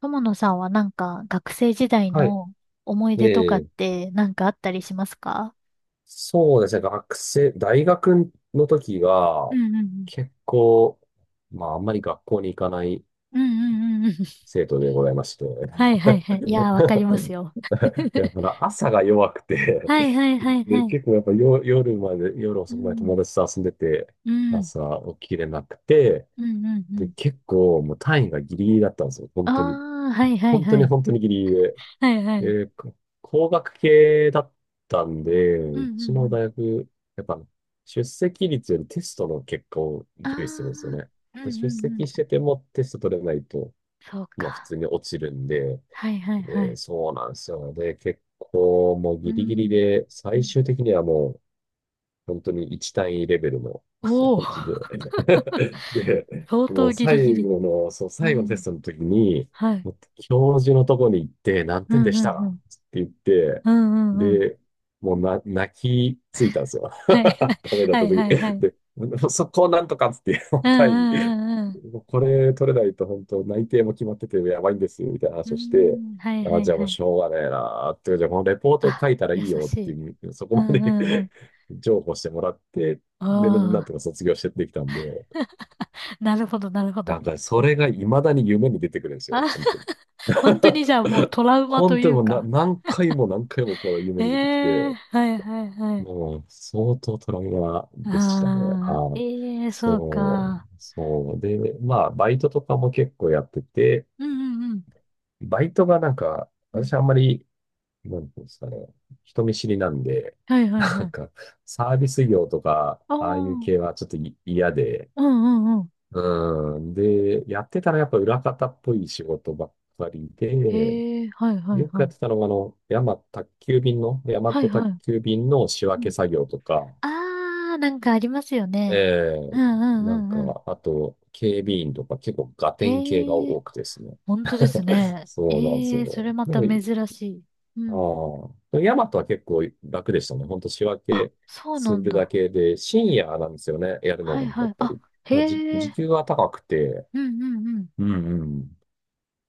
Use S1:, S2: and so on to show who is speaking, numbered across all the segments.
S1: 友野さんはなんか学生時代
S2: はい。
S1: の思い出とか
S2: え
S1: っ
S2: え、
S1: てなんかあったりしますか？
S2: そうですね。大学の時
S1: う
S2: は、
S1: んうん
S2: 結構、まあ、あんまり学校に行かない
S1: うん。うんうんうんうん。
S2: 生徒でございまして。
S1: はいはいはい。いやー、わかりま すよ。
S2: やっ ぱ朝が弱くて。
S1: はいはいは い
S2: で、
S1: はい。
S2: 結構やっぱ夜
S1: う
S2: 遅くまで友
S1: ん。
S2: 達と遊んでて、
S1: うん。
S2: 朝起きれなくて、
S1: うんうんう
S2: で、
S1: ん。
S2: 結構もう単位がギリギリだったんですよ。
S1: あ
S2: 本当に。
S1: あ、はいはい
S2: 本当
S1: は
S2: に
S1: い。
S2: 本当にギリギリ、
S1: はいは
S2: え
S1: い。
S2: ーこ工学系だったんで、
S1: うん
S2: う
S1: うんう
S2: ちの
S1: ん。
S2: 大学、やっぱ出席率よりテストの結果を
S1: あ
S2: 重視するんですよ
S1: あ、
S2: ね。
S1: うんう
S2: で出
S1: んう
S2: 席し
S1: ん。
S2: ててもテスト取れないと、
S1: そう
S2: まあ普
S1: か。
S2: 通に落ちるんで、
S1: はいはいは
S2: で、
S1: い。
S2: そうなんですよ。で、結構もう
S1: う
S2: ギリギリ
S1: ん。
S2: で、
S1: う
S2: 最
S1: ん。
S2: 終的にはもう本当に1単位レベルの
S1: おお。
S2: 形で。で、
S1: 相
S2: もう
S1: 当ギリギ
S2: 最
S1: リ。
S2: 後の、そう、
S1: う
S2: 最後のテ
S1: ん。
S2: ストの時に、
S1: はい。
S2: もう教授のとこに行って、何
S1: う
S2: 点で
S1: ん
S2: し
S1: う
S2: た
S1: んう
S2: っ
S1: ん。
S2: て言って、
S1: うんうんうん。
S2: で、もう、泣きついたんですよ。
S1: はい。
S2: ダメだっ
S1: は
S2: た
S1: い
S2: 時に。
S1: はいはい。
S2: で、そこをなんとかっつって、
S1: うん
S2: 単位、
S1: うんうん
S2: もうこれ取れないと本当内定も決まっててやばいんですよ、みたいな
S1: う
S2: 話をして、
S1: ん。うーん。はいは
S2: あ、
S1: い
S2: じゃあも
S1: は
S2: う
S1: い。
S2: しょうがねえなーって、じゃあこのレポート
S1: あ、
S2: 書いたらい
S1: 優
S2: いよ
S1: し
S2: って
S1: い。
S2: いう、そこ
S1: う
S2: ま
S1: んう
S2: で
S1: んうん。
S2: 譲歩してもらって、で、なん
S1: ああ、
S2: とか卒業してできたんで、
S1: なるほどなるほ
S2: な
S1: ど。
S2: んかそれが未だに夢に出てくるんですよ、
S1: あ、
S2: 本当に。
S1: 本当にじゃあもう トラウマと
S2: 本
S1: い
S2: 当に
S1: う
S2: もう
S1: か。
S2: 何回も何回もこの夢
S1: え
S2: に出てき
S1: え、
S2: て、
S1: はいはいはい。
S2: もう相当トラウマでしたね。
S1: ああ、
S2: はい。
S1: ええ、そう
S2: そう、
S1: か。
S2: そう。で、まあ、バイトとかも結構やってて、
S1: うんうんうん。
S2: バイトがなんか、
S1: うん。
S2: 私あんまり、なんていうんですかね、人見知りなんで、
S1: はいはい
S2: な
S1: は
S2: ん
S1: い。
S2: か、サービス業とか、
S1: ああ、
S2: ああいう
S1: うん
S2: 系はちょっと嫌で、
S1: うんうん。
S2: うん。で、やってたらやっぱ裏方っぽい仕事ばっかりで、
S1: ええ、はいはい
S2: よく
S1: は
S2: やっ
S1: い。
S2: てたのが、あの、宅急便の、ヤマ
S1: はい
S2: ト
S1: は
S2: 宅
S1: い。
S2: 急便の仕
S1: う
S2: 分け
S1: ん。
S2: 作業とか、
S1: ああ、なんかありますよね。
S2: ええ。
S1: うんう
S2: なん
S1: んうん。
S2: か、あと、警備員とか結構ガテン系が
S1: へえ、
S2: 多くてですね。
S1: 本当ですね。
S2: そうなんです
S1: ええ、それ
S2: よ。
S1: ま
S2: で
S1: た
S2: も、
S1: 珍しい。う
S2: ああ、
S1: ん。
S2: でもヤマトは結構楽でしたね。ほんと仕分
S1: あ、
S2: け
S1: そう
S2: す
S1: なん
S2: るだ
S1: だ。
S2: けで、深夜なんですよね、やるの
S1: は
S2: が、
S1: い
S2: や
S1: は
S2: っ
S1: い。
S2: ぱ
S1: あ、
S2: り。まあ、
S1: へ
S2: 時
S1: え、
S2: 給は高くて、
S1: うんうんうん。
S2: うんうん。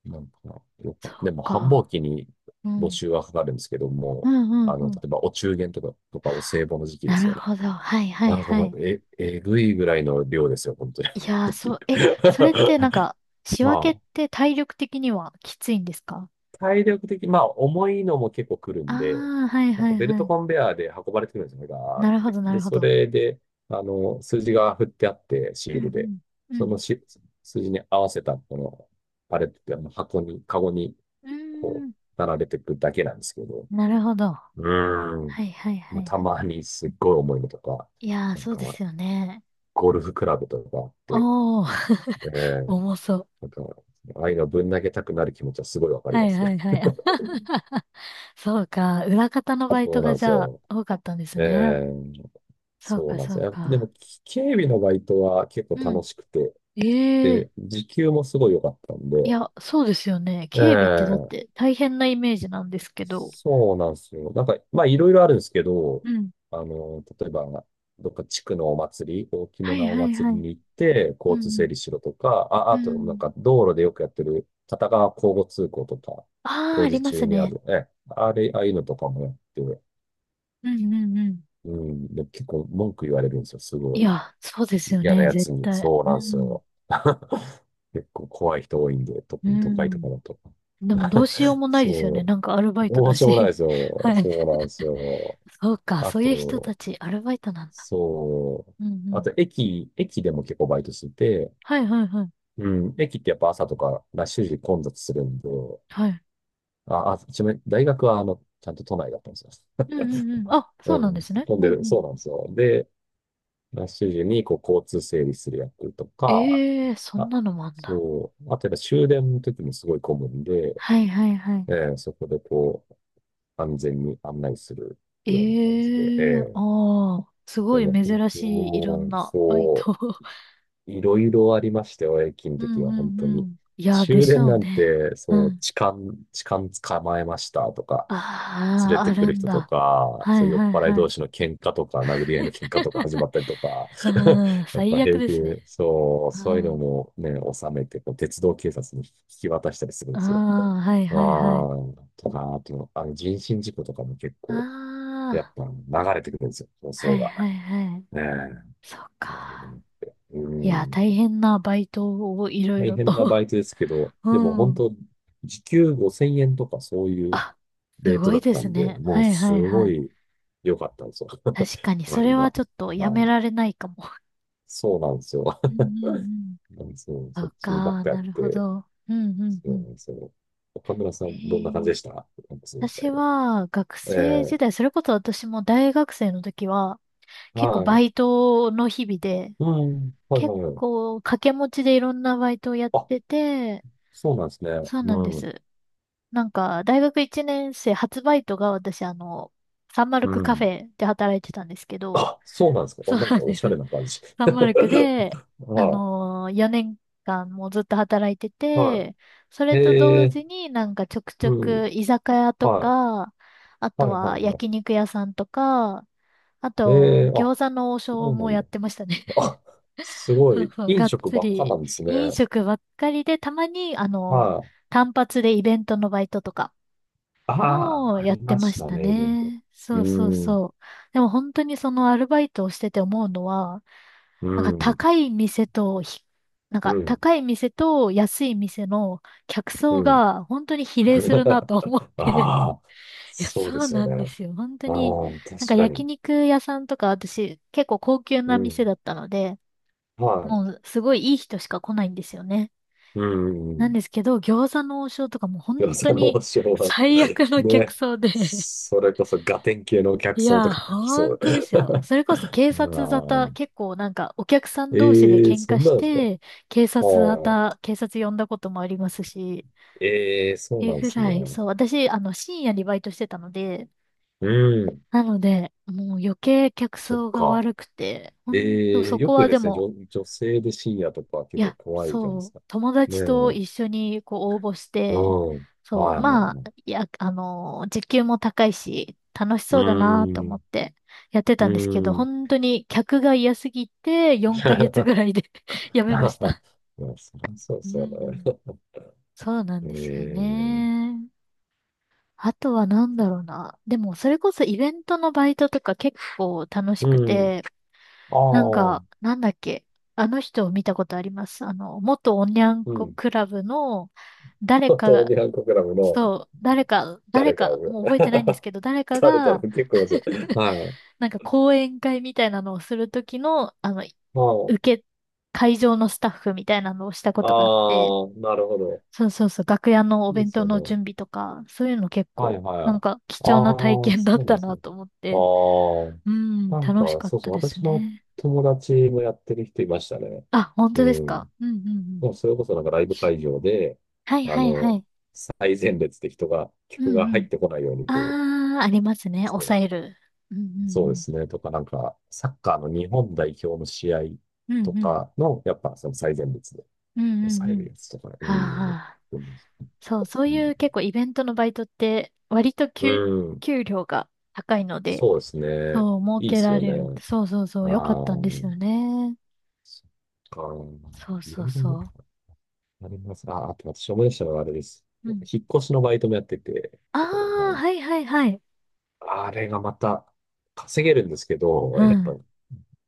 S2: なんか、よ
S1: そ
S2: かった。で
S1: う
S2: も、繁忙
S1: か。
S2: 期に
S1: う
S2: 募
S1: ん。
S2: 集はかかるんですけど
S1: う
S2: も、
S1: んうん
S2: あ
S1: う
S2: の、例
S1: ん。
S2: えば、お中元とか、お歳暮の時期で
S1: な
S2: す
S1: る
S2: よね。
S1: ほど。はいはい
S2: なんか
S1: は
S2: もう、
S1: い。
S2: えぐいぐらいの量ですよ、本当に。
S1: いやー、そう、え、それってなんか、仕分
S2: ま
S1: けっ
S2: あ、
S1: て体力的にはきついんですか？
S2: 体力的、まあ、重いのも結構来る
S1: あ
S2: んで、
S1: あー、はい
S2: なん
S1: は
S2: か
S1: い
S2: ベル
S1: は
S2: ト
S1: い。
S2: コンベアで運ばれてくるんですよね、ガー
S1: な
S2: っ
S1: るほ
S2: て。
S1: どな
S2: で、
S1: るほ
S2: そ
S1: ど。
S2: れで、あの、数字が振ってあって、シ
S1: う
S2: ー
S1: ん
S2: ルで、
S1: うん。う
S2: その
S1: ん。
S2: 数字に合わせた、この、パレットって、あの箱に、カゴに、
S1: うー
S2: こ
S1: ん。
S2: う、並べていくだけなんですけど、
S1: なるほど。
S2: うーん。
S1: はいはいは
S2: まあ、
S1: い
S2: た
S1: はい。
S2: まにすっごい重いのとか、
S1: いやー、
S2: なん
S1: そうで
S2: か、
S1: すよね。
S2: ゴルフクラブとかあって、
S1: おー。
S2: ええ。
S1: 重そう。
S2: なんか、ああいうのぶん投げたくなる気持ちはすごいわかり
S1: は
S2: ま
S1: い
S2: す
S1: はい
S2: ね。
S1: はい。あ、そうか。裏方のバ イ
S2: そ
S1: ト
S2: うな
S1: が
S2: んで
S1: じ
S2: す
S1: ゃあ
S2: よ。
S1: 多かったんです
S2: え
S1: ね。
S2: え、
S1: そう
S2: そう
S1: か
S2: なんで
S1: そ
S2: す
S1: う
S2: よ。で
S1: か。
S2: も、警備のバイトは結構
S1: う
S2: 楽しくて、
S1: ん。ええ。
S2: で、時給もすごい良かったん
S1: い
S2: で、
S1: や、そうですよね。警備ってだっ
S2: ええ、
S1: て大変なイメージなんですけど。
S2: そうなんですよ。なんか、まあ、いろいろあるんですけど、
S1: うん。
S2: あの、例えば、どっか地区のお祭り、大きめ
S1: はい
S2: なお
S1: はい
S2: 祭
S1: は
S2: り
S1: い。
S2: に行って、
S1: う
S2: 交通整
S1: ん
S2: 理しろとか、あ、
S1: うん。
S2: あ
S1: う
S2: と、なん
S1: ん。
S2: か、道路でよくやってる、片側交互通行とか、
S1: ああ、
S2: 工
S1: あり
S2: 事
S1: ま
S2: 中
S1: す
S2: にあ
S1: ね。
S2: る、え、あれ、ああいうのとかもやって、
S1: うんうんうん。
S2: うん、で、結構文句言われるんですよ。すご
S1: い
S2: い。
S1: や、そうですよ
S2: 嫌な
S1: ね。
S2: や
S1: 絶
S2: つに。
S1: 対。
S2: そう
S1: う
S2: なんです
S1: ん。
S2: よ。結構怖い人多いんで、
S1: う
S2: 特に都会とか
S1: ん。
S2: だと。
S1: でもどうしようも ないですよ
S2: そ
S1: ね。
S2: う。
S1: なんかアルバイト
S2: どう
S1: だ
S2: しようもないで
S1: し。
S2: す よ。
S1: はい。
S2: そうなんですよ。
S1: そうか。
S2: あ
S1: そういう人た
S2: と、
S1: ち、アルバイトなんだ。
S2: そう。
S1: うんう
S2: あ
S1: ん。
S2: と、駅でも結構バイトしてて、
S1: はいはいはい。
S2: うん、駅ってやっぱ朝とかラッシュ時混雑するんで、
S1: はい。
S2: 一面、大学はあの、ちゃんと都内だったんですよ。
S1: うんうんうん。あ、
S2: う
S1: そうなんで
S2: ん、
S1: すね。
S2: 混ん
S1: う
S2: で
S1: んう
S2: る、
S1: ん。
S2: そうなんですよ。で、ラッシュ時にこう交通整理する役とか、
S1: ええー、そん
S2: あ、
S1: なのもあんだ。
S2: そう、あとやっぱ終電の時もすごい混むんで、
S1: はいはいはい。
S2: そこでこう、安全に案内する
S1: え
S2: ような感じで、
S1: えー、
S2: ー
S1: ああ、す
S2: で
S1: ごい
S2: も本
S1: 珍しいいろん
S2: 当、
S1: なバイト。
S2: そう、いろいろありましたよ、駅の
S1: う
S2: 時
S1: ん
S2: は、
S1: う
S2: 本
S1: ん
S2: 当
S1: う
S2: に。
S1: ん。いや、で
S2: 終
S1: し
S2: 電
S1: ょう
S2: なん
S1: ね。
S2: て、
S1: う
S2: そう、
S1: ん。
S2: 痴漢捕まえましたとか、連れ
S1: ああ、
S2: て
S1: あ
S2: く
S1: る
S2: る
S1: ん
S2: 人と
S1: だ。
S2: か、
S1: は
S2: そう、
S1: い
S2: 酔っ
S1: はい
S2: 払い
S1: は
S2: 同
S1: い。
S2: 士の喧嘩とか、殴り合いの喧嘩とか始まったりとか、
S1: うん、
S2: やっぱ
S1: 最悪
S2: 平
S1: で
S2: 気
S1: す
S2: で、
S1: ね。
S2: そう、
S1: う
S2: そういうの
S1: ん。
S2: もね、収めて、こう鉄道警察に引き渡したりするん
S1: あ
S2: ですよ。
S1: あ、はい
S2: あ
S1: はいはい。
S2: あ、とか、あと、あの、人身事故とかも結
S1: あ
S2: 構、やっ
S1: あ、
S2: ぱ流れてくるんですよ、放
S1: は
S2: 送
S1: い
S2: が。
S1: はいはい。
S2: ねえ。
S1: そっ
S2: ああいうの
S1: か。
S2: って、う
S1: いや、
S2: ん。
S1: 大変なバイトをいろい
S2: 大
S1: ろ
S2: 変なバ
S1: と。
S2: イトですけど、
S1: う
S2: でも本
S1: ん。
S2: 当、時給5000円とかそういう
S1: あ、す
S2: レート
S1: ご
S2: だ
S1: い
S2: っ
S1: で
S2: た
S1: す
S2: んで、
S1: ね。
S2: もう
S1: はい
S2: す
S1: はいは
S2: ご
S1: い。
S2: い良かったんですよ。
S1: 確かに、それ
S2: 割
S1: は
S2: が。
S1: ちょっと
S2: あ
S1: やめ
S2: の、
S1: られないかも。
S2: そうなんですよ。
S1: うん うんうん。
S2: そう、
S1: そ
S2: そっ
S1: う
S2: ちばっ
S1: か、
S2: かや
S1: な
S2: っ
S1: るほ
S2: て、
S1: ど。うんう
S2: そ
S1: んう
S2: うな
S1: ん。
S2: んですよ。岡村さ
S1: へ
S2: ん、どんな感じ
S1: え。
S2: でした時
S1: 私
S2: 代は。
S1: は学生
S2: え
S1: 時
S2: え、
S1: 代、それこそ私も大学生の時は、結構
S2: は
S1: バ
S2: い。
S1: イトの日々で、
S2: うん、はい
S1: 結
S2: はいはい。
S1: 構掛け持ちでいろんなバイトをやっ
S2: あ、
S1: てて、
S2: そうなんですね。
S1: そうなんで
S2: うん、
S1: す。なんか、大学1年生初バイトが私、サンマル
S2: う
S1: クカフ
S2: ん。
S1: ェで働いてたんですけど、
S2: あ、そうなんですか。あ、
S1: そう
S2: なん
S1: なん
S2: かお
S1: で
S2: しゃれ
S1: す。
S2: な感じ。
S1: サンマルク
S2: あ、
S1: で、4年間もずっと働いて
S2: は
S1: て、そ
S2: い。
S1: れと
S2: へ
S1: 同
S2: え、
S1: 時になんかちょくちょ
S2: う
S1: く
S2: ん。
S1: 居酒屋と
S2: はい。
S1: か、あ
S2: は
S1: と
S2: いは
S1: は
S2: いはい。
S1: 焼肉屋さんとか、あ
S2: ええ、
S1: と
S2: あ、そ
S1: 餃子の王将
S2: うな
S1: も
S2: ん
S1: やっ
S2: だ。
S1: てましたね。
S2: あ、す ご
S1: そう
S2: い。
S1: そう、
S2: 飲
S1: がっ
S2: 食
S1: つ
S2: ばっかな
S1: り
S2: んですね。
S1: 飲食ばっかりで、たまに
S2: はい。
S1: 単発でイベントのバイトとか、
S2: あ
S1: も
S2: あ、
S1: う
S2: あ
S1: やっ
S2: り
S1: て
S2: ま
S1: ま
S2: し
S1: し
S2: た
S1: た
S2: ね、イベント。
S1: ね。
S2: うー
S1: そうそう
S2: ん、
S1: そう。でも本当にそのアルバイトをしてて思うのは、
S2: う
S1: なんか
S2: ん、
S1: 高い店とひ、なん
S2: う
S1: か
S2: ん、
S1: 高い店と安い店の客
S2: う
S1: 層
S2: ん。
S1: が本当に比例するなと思っ て。
S2: ああ、
S1: いや、
S2: そうで
S1: そう
S2: すよ
S1: な
S2: ね。
S1: んですよ。本当
S2: ああ、
S1: に。なんか
S2: 確か
S1: 焼
S2: に。
S1: 肉屋さんとか私結構高級
S2: う
S1: な店
S2: ん、
S1: だったので、も
S2: は
S1: うすごいいい人しか来ないんですよね。
S2: い。うん、う
S1: なん
S2: ん。
S1: ですけど、餃子の王将とかも
S2: よ
S1: 本当
S2: さの
S1: に
S2: 王将は、
S1: 最悪の客
S2: ね。
S1: 層で。
S2: それこそガテン系のお客
S1: い
S2: さんと
S1: や、
S2: かが来そ
S1: 本
S2: う。
S1: 当ですよ。それこそ
S2: あ
S1: 警察沙
S2: あ、
S1: 汰、結構なんかお客さん同士で
S2: ええ、
S1: 喧
S2: そ
S1: 嘩
S2: ん
S1: し
S2: なんですか？あ
S1: て、警察沙
S2: あ。
S1: 汰、警察呼んだこともありますし、
S2: ええ、
S1: っ
S2: そう
S1: てい
S2: な
S1: う
S2: んで
S1: ぐ
S2: す
S1: らい、
S2: ね。
S1: そう、私、深夜にバイトしてたので、
S2: うん、
S1: なので、もう余計客
S2: そっ
S1: 層が
S2: か。
S1: 悪くて、本当
S2: ええ、
S1: そ
S2: よ
S1: こ
S2: く
S1: は
S2: で
S1: で
S2: すね、
S1: も、
S2: 女性で深夜とか
S1: い
S2: 結構
S1: や、
S2: 怖いじゃないで
S1: そ
S2: す
S1: う、
S2: か。
S1: 友
S2: ね
S1: 達と
S2: え、
S1: 一緒にこう応募し
S2: う
S1: て、
S2: ん、
S1: そう、
S2: はいはい
S1: まあ、
S2: はい。
S1: いや、あの時給も高いし、楽し
S2: う
S1: そうだなと
S2: ー
S1: 思っ
S2: ん、
S1: てやって
S2: う
S1: たんですけど、
S2: ーん。
S1: 本当に客が嫌すぎて4ヶ月ぐらいで や
S2: い
S1: め
S2: や、
S1: ました。
S2: そりゃそう
S1: う
S2: そう
S1: ん、
S2: ね。
S1: そうなん
S2: え
S1: ですよ
S2: え、
S1: ね。あとは何だろうな。でも、それこそイベントのバイトとか結構楽しく
S2: う
S1: て、
S2: ん、あ
S1: なん
S2: あ、
S1: か、なんだっけ。あの人を見たことあります。元おにゃん
S2: う
S1: こ
S2: ん。
S1: クラブの、誰か
S2: 当
S1: が、
S2: にゃ国クラブの
S1: そう、誰か、誰
S2: 誰か、
S1: か、もう覚えてないんです けど、誰か
S2: 誰だろ
S1: が、
S2: う、結構です。はい。
S1: なんか講演会みたいなのをするときの、
S2: は
S1: 受
S2: い。
S1: け、会場のスタッフみたいなのをしたこ
S2: あ
S1: とがあって、
S2: あ、なるほど。
S1: そうそうそう、楽屋のお
S2: いいで
S1: 弁
S2: す
S1: 当
S2: よ
S1: の
S2: ね。
S1: 準備とか、そういうの結
S2: はい
S1: 構、
S2: は
S1: なん
S2: い。
S1: か貴
S2: あ
S1: 重な体
S2: あ、そ
S1: 験だ
S2: う
S1: っ
S2: なん
S1: た
S2: です
S1: な
S2: ね。
S1: と思っ
S2: あ
S1: て、う
S2: あ、
S1: ん、
S2: なん
S1: 楽し
S2: か、
S1: かっ
S2: そうそ
S1: た
S2: う、
S1: です
S2: 私の
S1: ね。
S2: 友達もやってる人いましたね。
S1: あ、本当です
S2: う
S1: か。
S2: ん。
S1: うんうんうん。
S2: もうそれこそなんかライブ会場で、
S1: はい
S2: あ
S1: はいは
S2: の、
S1: い。
S2: 最前列で
S1: う
S2: 客
S1: ん
S2: が
S1: う
S2: 入
S1: ん。
S2: ってこないようにこう、
S1: ああ、ありますね。
S2: そ
S1: 抑
S2: う、
S1: える。う
S2: そうで
S1: ん
S2: すね、とかなんか、サッカーの日本代表の試合
S1: うんうん。う
S2: と
S1: んうん。
S2: かの、やっぱその最前列で
S1: うんうん
S2: 抑え
S1: う
S2: る
S1: ん。
S2: やつとかね、う
S1: は
S2: ん、
S1: あ、
S2: うん、
S1: そう、そういう結構イベントのバイトって割と
S2: う
S1: 給、
S2: ん、
S1: 給料が高いので、
S2: そうですね。
S1: そう、儲
S2: いいで
S1: け
S2: す
S1: ら
S2: よ
S1: れる。
S2: ね。
S1: そうそうそう、
S2: あ
S1: 良か
S2: あ、
S1: ったんですよね。
S2: そっか。
S1: そう
S2: いろ
S1: そう
S2: いろ
S1: そ
S2: あります。あ、あと私思い出したのはあれです。
S1: う。うん。
S2: 引っ越しのバイトもやってて、
S1: ああ、
S2: こう、
S1: はいはいはい。
S2: あれがまた稼げるんですけど、
S1: う
S2: やっぱ
S1: ん。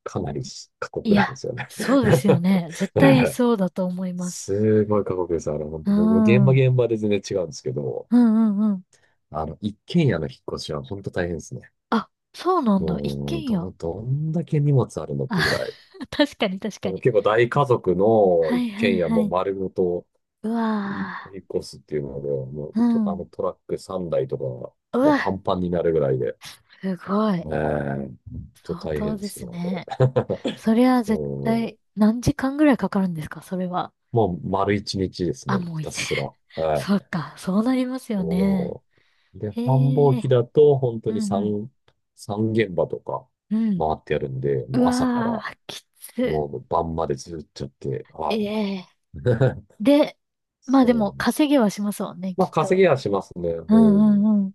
S2: かなり過
S1: い
S2: 酷なんで
S1: や、
S2: すよね。
S1: そうですよね。絶対 そうだと思います。
S2: すごい過酷です。あれ、本
S1: う
S2: 当僕も現
S1: ん。う
S2: 場
S1: ん
S2: 現場で全然違うんですけど、
S1: うんうん。
S2: あの、一軒家の引っ越しは本当大変ですね。
S1: あ、そうなんだ。一
S2: もう、
S1: 軒家。
S2: どんだけ荷物あるのってぐ
S1: あ、
S2: らい。
S1: 確かに確
S2: で
S1: か
S2: も
S1: に。
S2: 結構大家族の
S1: は
S2: 一
S1: いは
S2: 軒
S1: い
S2: 家
S1: は
S2: も
S1: い。
S2: 丸ごと、
S1: う
S2: 引
S1: わ
S2: っ越すっていうので、もう
S1: ー。う
S2: あの
S1: ん。
S2: トラック3台とか、
S1: う
S2: もうパ
S1: わ、
S2: ンパンになるぐらいで、
S1: すごい。
S2: えーちょっ
S1: 相
S2: と大変
S1: 当
S2: で
S1: で
S2: す
S1: す
S2: よ、
S1: ね。
S2: あれ。
S1: そり ゃ絶
S2: そ
S1: 対何時間ぐらいかかるんですかそれは？
S2: う、もう丸一日です
S1: あ、
S2: ね、
S1: も
S2: ひ
S1: ういい
S2: た
S1: ぜ。
S2: す ら。は
S1: そっ
S2: い。
S1: か、そうなりますよね。
S2: もうで、繁忙
S1: へえ。
S2: 期だと、本当
S1: う
S2: に
S1: んうん。
S2: 3現場とか
S1: うん。
S2: 回ってやるんで、
S1: う
S2: もう朝か
S1: わ
S2: ら、
S1: ー、きつ。
S2: もう晩までずっとやって、は
S1: ええ。
S2: い。
S1: で、まあで
S2: そうな
S1: も
S2: んです。
S1: 稼ぎはしますもんね、
S2: ま
S1: き
S2: あ、
S1: っ
S2: 稼
S1: と。
S2: ぎはしますね。
S1: う
S2: う
S1: んう
S2: ん。
S1: んうん。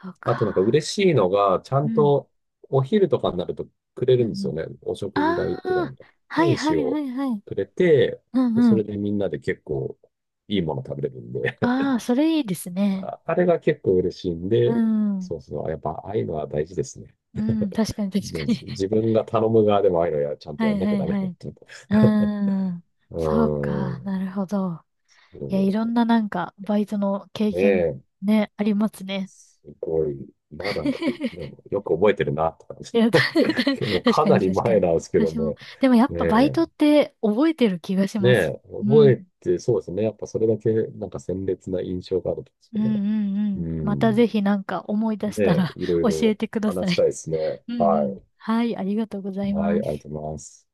S1: そう
S2: あとなんか
S1: か。
S2: 嬉しいのが、ちゃ
S1: う
S2: ん
S1: ん。
S2: とお昼とかになるとくれ
S1: うん
S2: る
S1: う
S2: んですよ
S1: ん。
S2: ね。お食事
S1: あ
S2: 代っていうか、な
S1: あ、
S2: んか、
S1: はい
S2: 分
S1: は
S2: 子
S1: いは
S2: を
S1: いはい。
S2: くれて、
S1: うん
S2: でそ
S1: う
S2: れ
S1: ん。
S2: でみんなで結構いいもの食べれるんで、
S1: ああ、それいいです ね。
S2: ああれが結構嬉しいん
S1: う
S2: で、
S1: ん。
S2: そうそう、やっぱああいうのは大事ですね。
S1: うん、確かに
S2: うん、
S1: 確かに。
S2: 自分が頼む側でもああいうのや、ちゃんと
S1: は
S2: やん
S1: い
S2: なき
S1: は
S2: ゃ
S1: い
S2: ダメ
S1: は
S2: だっ
S1: い。
S2: ていう。
S1: うーん。
S2: う
S1: そう
S2: ー
S1: か、
S2: ん。
S1: なるほど。
S2: う
S1: いや、いろん
S2: ん、
S1: ななんか、バイトの経
S2: ね
S1: 験
S2: え、
S1: ね、ありますね。
S2: すごい。まだい、で もよく覚えてるなとか、
S1: いや、た
S2: も う
S1: 確
S2: か
S1: か
S2: な
S1: に
S2: り
S1: 確か
S2: 前
S1: に。
S2: なんですけど
S1: 私も。
S2: ね。
S1: でもやっ
S2: ね
S1: ぱバイ
S2: え。
S1: トって覚えてる気がし
S2: ね
S1: ま
S2: え、
S1: す。う
S2: 覚え
S1: ん。
S2: て、そうですね。やっぱそれだけ、なんか鮮烈な印象があるんです
S1: う
S2: よ
S1: んう
S2: ね。
S1: んうん。
S2: う
S1: また
S2: ん。
S1: ぜひなんか思い出し
S2: ね
S1: た
S2: え、
S1: ら
S2: い ろい
S1: 教え
S2: ろ
S1: てくださ
S2: 話した
S1: い。
S2: いですね。
S1: うんう
S2: は
S1: ん。
S2: い。
S1: はい、ありがとうござい
S2: はい、
S1: ま
S2: ありが
S1: す。
S2: とうございます。